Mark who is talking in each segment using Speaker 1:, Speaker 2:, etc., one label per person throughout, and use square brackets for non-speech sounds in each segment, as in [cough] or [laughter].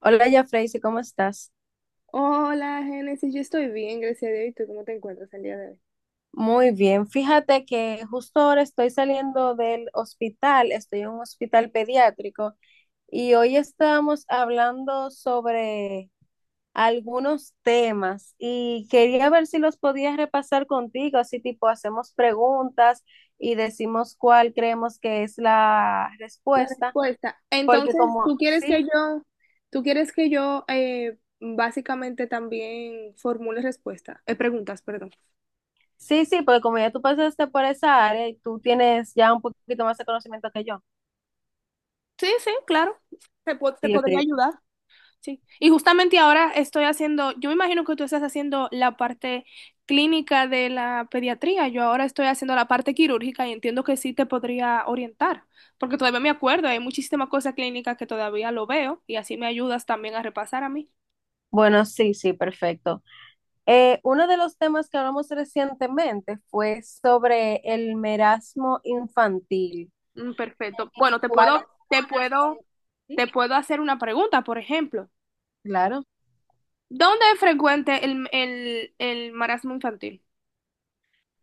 Speaker 1: Hola, ya Freysi, ¿cómo estás?
Speaker 2: Hola, Génesis, yo estoy bien, gracias a Dios. ¿Y tú cómo te encuentras el día de hoy?
Speaker 1: Muy bien. Fíjate que justo ahora estoy saliendo del hospital, estoy en un hospital pediátrico y hoy estábamos hablando sobre algunos temas y quería ver si los podías repasar contigo, así tipo hacemos preguntas y decimos cuál creemos que es la
Speaker 2: La
Speaker 1: respuesta,
Speaker 2: respuesta.
Speaker 1: porque
Speaker 2: Entonces, ¿tú
Speaker 1: como
Speaker 2: quieres
Speaker 1: sí,
Speaker 2: que yo, tú quieres que yo básicamente también formule respuesta, preguntas, perdón?
Speaker 1: sí, sí, porque como ya tú pasaste por esa área y tú tienes ya un poquito más de conocimiento que yo.
Speaker 2: Sí, sí, claro. Te
Speaker 1: Sí,
Speaker 2: podría
Speaker 1: ok.
Speaker 2: ayudar. Sí, y justamente ahora estoy haciendo, yo me imagino que tú estás haciendo la parte clínica de la pediatría, yo ahora estoy haciendo la parte quirúrgica y entiendo que sí te podría orientar, porque todavía me acuerdo, hay muchísimas cosas clínicas que todavía lo veo y así me ayudas también a repasar a mí.
Speaker 1: Bueno, sí, sí, perfecto. Uno de los temas que hablamos recientemente fue sobre el merasmo infantil.
Speaker 2: Mm, perfecto. Bueno, te
Speaker 1: ¿Cuáles
Speaker 2: puedo, te
Speaker 1: zonas?
Speaker 2: puedo,
Speaker 1: Sí,
Speaker 2: te puedo hacer una pregunta, por ejemplo.
Speaker 1: claro.
Speaker 2: ¿Dónde es frecuente el marasmo infantil?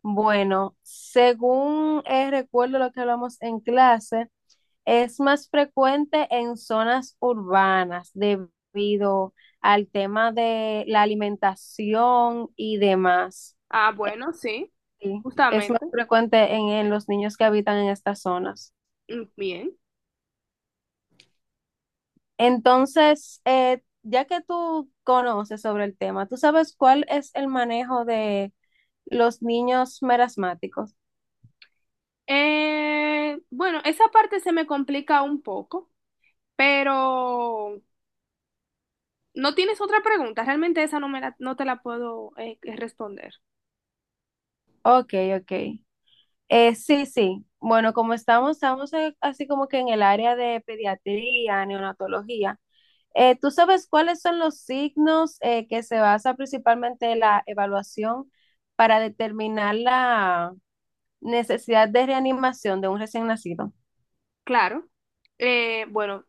Speaker 1: Bueno, según recuerdo lo que hablamos en clase, es más frecuente en zonas urbanas debido al tema de la alimentación y demás.
Speaker 2: Ah,
Speaker 1: Eh,
Speaker 2: bueno, sí,
Speaker 1: sí, es más
Speaker 2: justamente.
Speaker 1: frecuente en los niños que habitan en estas zonas.
Speaker 2: Mm, bien.
Speaker 1: Entonces, ya que tú conoces sobre el tema, ¿tú sabes cuál es el manejo de los niños merasmáticos?
Speaker 2: Bueno, esa parte se me complica un poco, pero no tienes otra pregunta. Realmente esa no te la puedo responder.
Speaker 1: Ok, ok. Sí, sí. Bueno, como estamos así como que en el área de pediatría, neonatología. ¿Tú sabes cuáles son los signos que se basa principalmente la evaluación para determinar la necesidad de reanimación de un recién nacido?
Speaker 2: Claro. Bueno,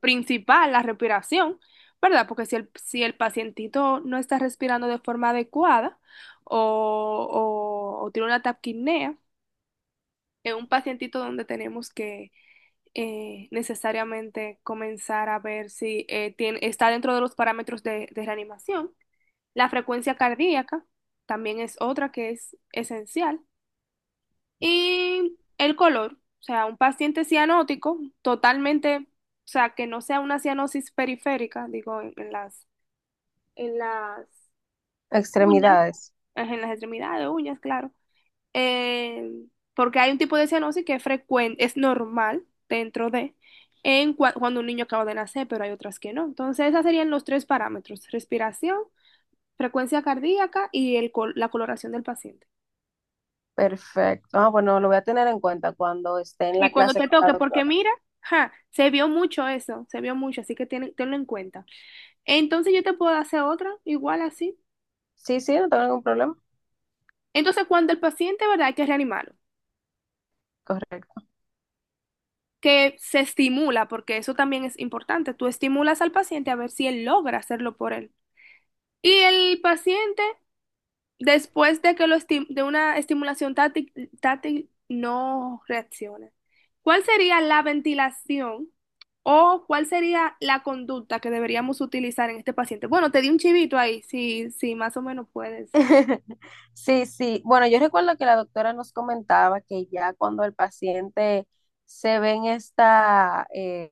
Speaker 2: principal, la respiración, ¿verdad? Porque si el pacientito no está respirando de forma adecuada o, o tiene una taquipnea, es un pacientito donde tenemos que necesariamente comenzar a ver si está dentro de los parámetros de reanimación. La frecuencia cardíaca también es otra que es esencial. Y el color, o sea, un paciente cianótico totalmente, o sea, que no sea una cianosis periférica, digo, en las uñas,
Speaker 1: Extremidades.
Speaker 2: en las extremidades, de uñas, claro. Eh, porque hay un tipo de cianosis que es frecuente, es normal dentro de cuando un niño acaba de nacer, pero hay otras que no. Entonces, esos serían los tres parámetros, respiración, frecuencia cardíaca y la coloración del paciente.
Speaker 1: Perfecto. Ah, bueno, lo voy a tener en cuenta cuando esté en
Speaker 2: Y
Speaker 1: la
Speaker 2: cuando
Speaker 1: clase
Speaker 2: te
Speaker 1: con la
Speaker 2: toque, porque
Speaker 1: doctora.
Speaker 2: mira, ja, se vio mucho eso, se vio mucho, así que tiene tenlo en cuenta. Entonces yo te puedo hacer otra, igual así.
Speaker 1: Sí, sí, no tengo ningún problema.
Speaker 2: Entonces cuando el paciente, ¿verdad? Hay que reanimarlo,
Speaker 1: Correcto.
Speaker 2: que se estimula, porque eso también es importante. Tú estimulas al paciente a ver si él logra hacerlo por él. Y el paciente, después de que de una estimulación táctil no reacciona. ¿Cuál sería la ventilación o cuál sería la conducta que deberíamos utilizar en este paciente? Bueno, te di un chivito ahí, si más o menos puedes.
Speaker 1: [laughs] Sí, sí. Bueno, yo recuerdo que la doctora nos comentaba que ya cuando el paciente se ve en esta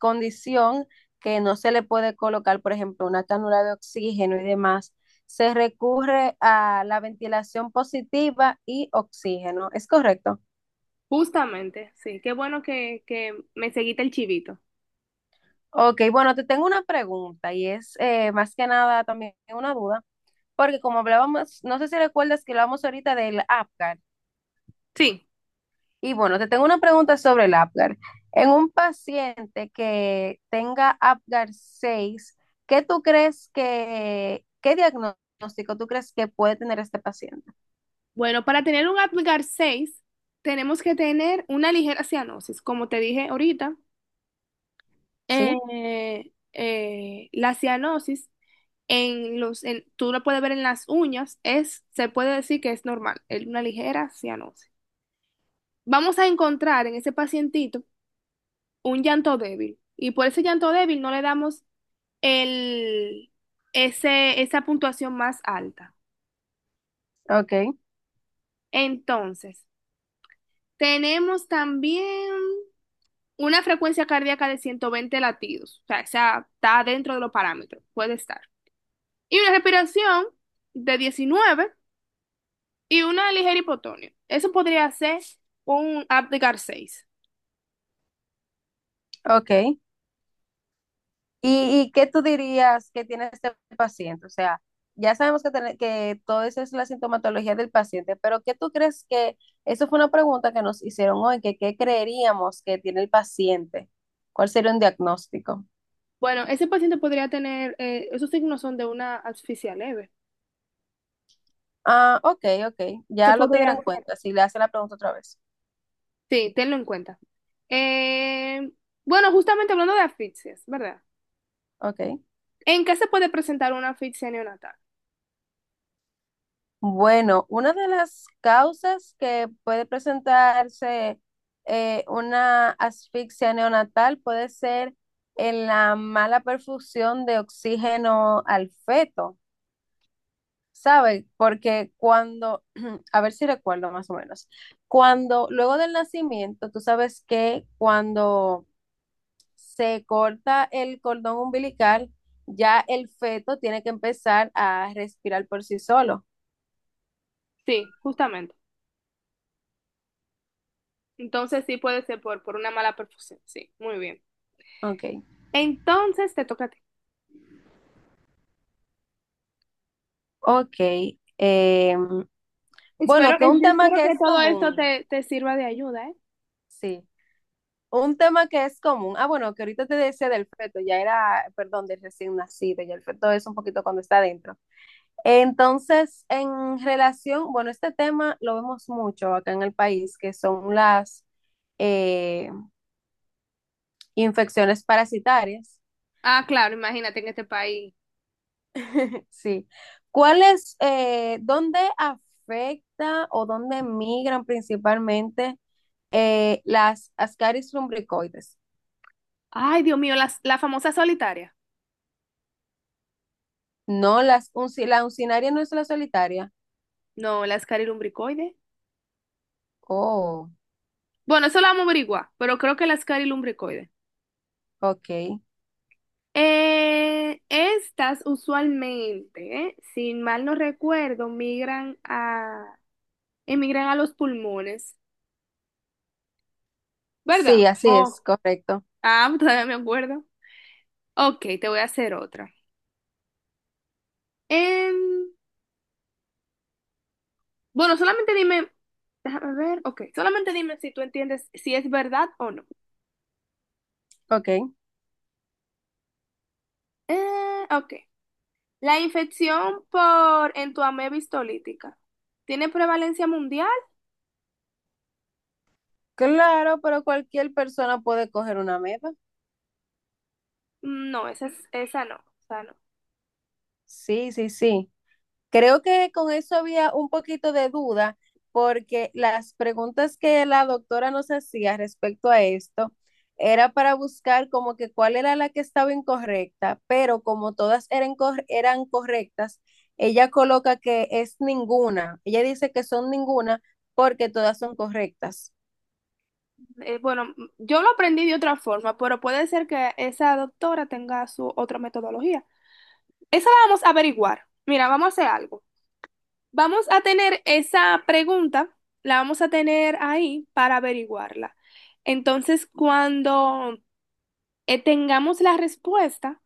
Speaker 1: condición que no se le puede colocar, por ejemplo, una cánula de oxígeno y demás, se recurre a la ventilación positiva y oxígeno. ¿Es correcto?
Speaker 2: Justamente, sí. Qué bueno que me seguiste el chivito.
Speaker 1: Ok, bueno, te tengo una pregunta y es más que nada también una duda, porque como hablábamos, no sé si recuerdas que hablamos ahorita del Apgar,
Speaker 2: Sí.
Speaker 1: y bueno, te tengo una pregunta sobre el Apgar. En un paciente que tenga Apgar 6, ¿qué diagnóstico tú crees que puede tener este paciente?
Speaker 2: Bueno, para tener un Apgar 6 tenemos que tener una ligera cianosis, como te dije ahorita.
Speaker 1: Sí,
Speaker 2: La cianosis tú lo puedes ver en las uñas, es, se puede decir que es normal, es una ligera cianosis. Vamos a encontrar en ese pacientito un llanto débil y por ese llanto débil no le damos el, esa puntuación más alta.
Speaker 1: ok,
Speaker 2: Entonces, tenemos también una frecuencia cardíaca de 120 latidos, o sea, esa está dentro de los parámetros, puede estar. Y una respiración de 19 y una ligera hipotonía. Eso podría ser un Apgar 6.
Speaker 1: ok. Y qué tú dirías que tiene este paciente? O sea, ya sabemos que, tiene- que todo eso es la sintomatología del paciente, pero ¿qué tú crees que, eso fue una pregunta que nos hicieron hoy, que qué creeríamos que tiene el paciente. ¿Cuál sería un diagnóstico?
Speaker 2: Bueno, ese paciente podría tener, esos signos son de una asfixia leve.
Speaker 1: Ah, ok, ok,
Speaker 2: Se
Speaker 1: ya lo
Speaker 2: podría
Speaker 1: tendré en
Speaker 2: hacer.
Speaker 1: cuenta si le hace la pregunta otra vez.
Speaker 2: Sí, tenlo en cuenta. Eh, bueno, justamente hablando de asfixias, ¿verdad?
Speaker 1: Ok.
Speaker 2: ¿En qué se puede presentar una asfixia neonatal?
Speaker 1: Bueno, una de las causas que puede presentarse una asfixia neonatal puede ser en la mala perfusión de oxígeno al feto, ¿sabe? Porque cuando, [clears throat] a ver si recuerdo más o menos, cuando luego del nacimiento, tú sabes que cuando se corta el cordón umbilical, ya el feto tiene que empezar a respirar por sí solo.
Speaker 2: Sí, justamente. Entonces sí puede ser por una mala perfusión. Sí, muy bien.
Speaker 1: Ok.
Speaker 2: Entonces te toca a ti.
Speaker 1: Ok. eh,
Speaker 2: Espero,
Speaker 1: bueno, que
Speaker 2: eh,
Speaker 1: un
Speaker 2: yo
Speaker 1: tema
Speaker 2: espero
Speaker 1: que
Speaker 2: que
Speaker 1: es
Speaker 2: todo esto
Speaker 1: común,
Speaker 2: te sirva de ayuda, ¿eh?
Speaker 1: sí. Un tema que es común. Ah, bueno, que ahorita te decía del feto, ya era, perdón, del recién nacido, ya el feto es un poquito cuando está adentro. Entonces, en relación, bueno, este tema lo vemos mucho acá en el país, que son las eh, infecciones parasitarias.
Speaker 2: Ah, claro, imagínate en este país.
Speaker 1: [laughs] Sí. ¿Cuál es, dónde afecta o dónde migran principalmente? Las Ascaris lumbricoides.
Speaker 2: Ay, Dios mío, la famosa solitaria.
Speaker 1: No, las la uncinaria no es la solitaria.
Speaker 2: No, la escarilumbricoide.
Speaker 1: Oh,
Speaker 2: Bueno, eso lo vamos a averiguar, pero creo que la escarilumbricoide.
Speaker 1: ok.
Speaker 2: Estas usualmente, si mal no recuerdo, emigran a los pulmones, ¿verdad?
Speaker 1: Sí, así es,
Speaker 2: Oh.
Speaker 1: correcto.
Speaker 2: Ah, [laughs] todavía me acuerdo. Ok, te voy a hacer otra. Em, bueno, solamente dime, déjame ver, ok, solamente dime si tú entiendes si es verdad o no.
Speaker 1: Ok.
Speaker 2: Ok. La infección por Entoamé bistolítica. ¿Tiene prevalencia mundial?
Speaker 1: Claro, pero cualquier persona puede coger una meta.
Speaker 2: Mm, no, esa no. Esa no.
Speaker 1: Sí, sí, sí. Creo que con eso había un poquito de duda porque las preguntas que la doctora nos hacía respecto a esto era para buscar como que cuál era la que estaba incorrecta, pero como todas eran, eran correctas, ella coloca que es ninguna. Ella dice que son ninguna porque todas son correctas.
Speaker 2: Bueno, yo lo aprendí de otra forma, pero puede ser que esa doctora tenga su otra metodología. Esa la vamos a averiguar. Mira, vamos a hacer algo. Vamos a tener esa pregunta, la vamos a tener ahí para averiguarla. Entonces, cuando tengamos la respuesta,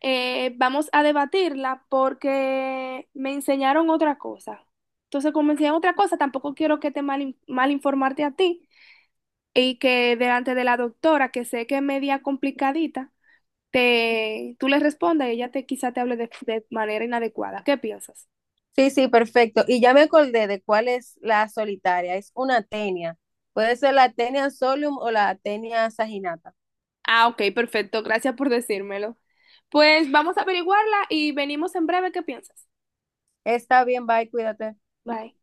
Speaker 2: vamos a debatirla porque me enseñaron otra cosa. Entonces, como me enseñaron otra cosa, tampoco quiero que te mal informarte a ti y que delante de la doctora, que sé que es media complicadita, tú le respondas y ella quizá te hable de manera inadecuada. ¿Qué piensas?
Speaker 1: Sí, sí, perfecto. Y ya me acordé de cuál es la solitaria. Es una tenia. Puede ser la tenia solium o la tenia saginata.
Speaker 2: Ah, ok, perfecto. Gracias por decírmelo. Pues vamos a averiguarla y venimos en breve. ¿Qué piensas?
Speaker 1: Está bien, bye, cuídate.
Speaker 2: Bye.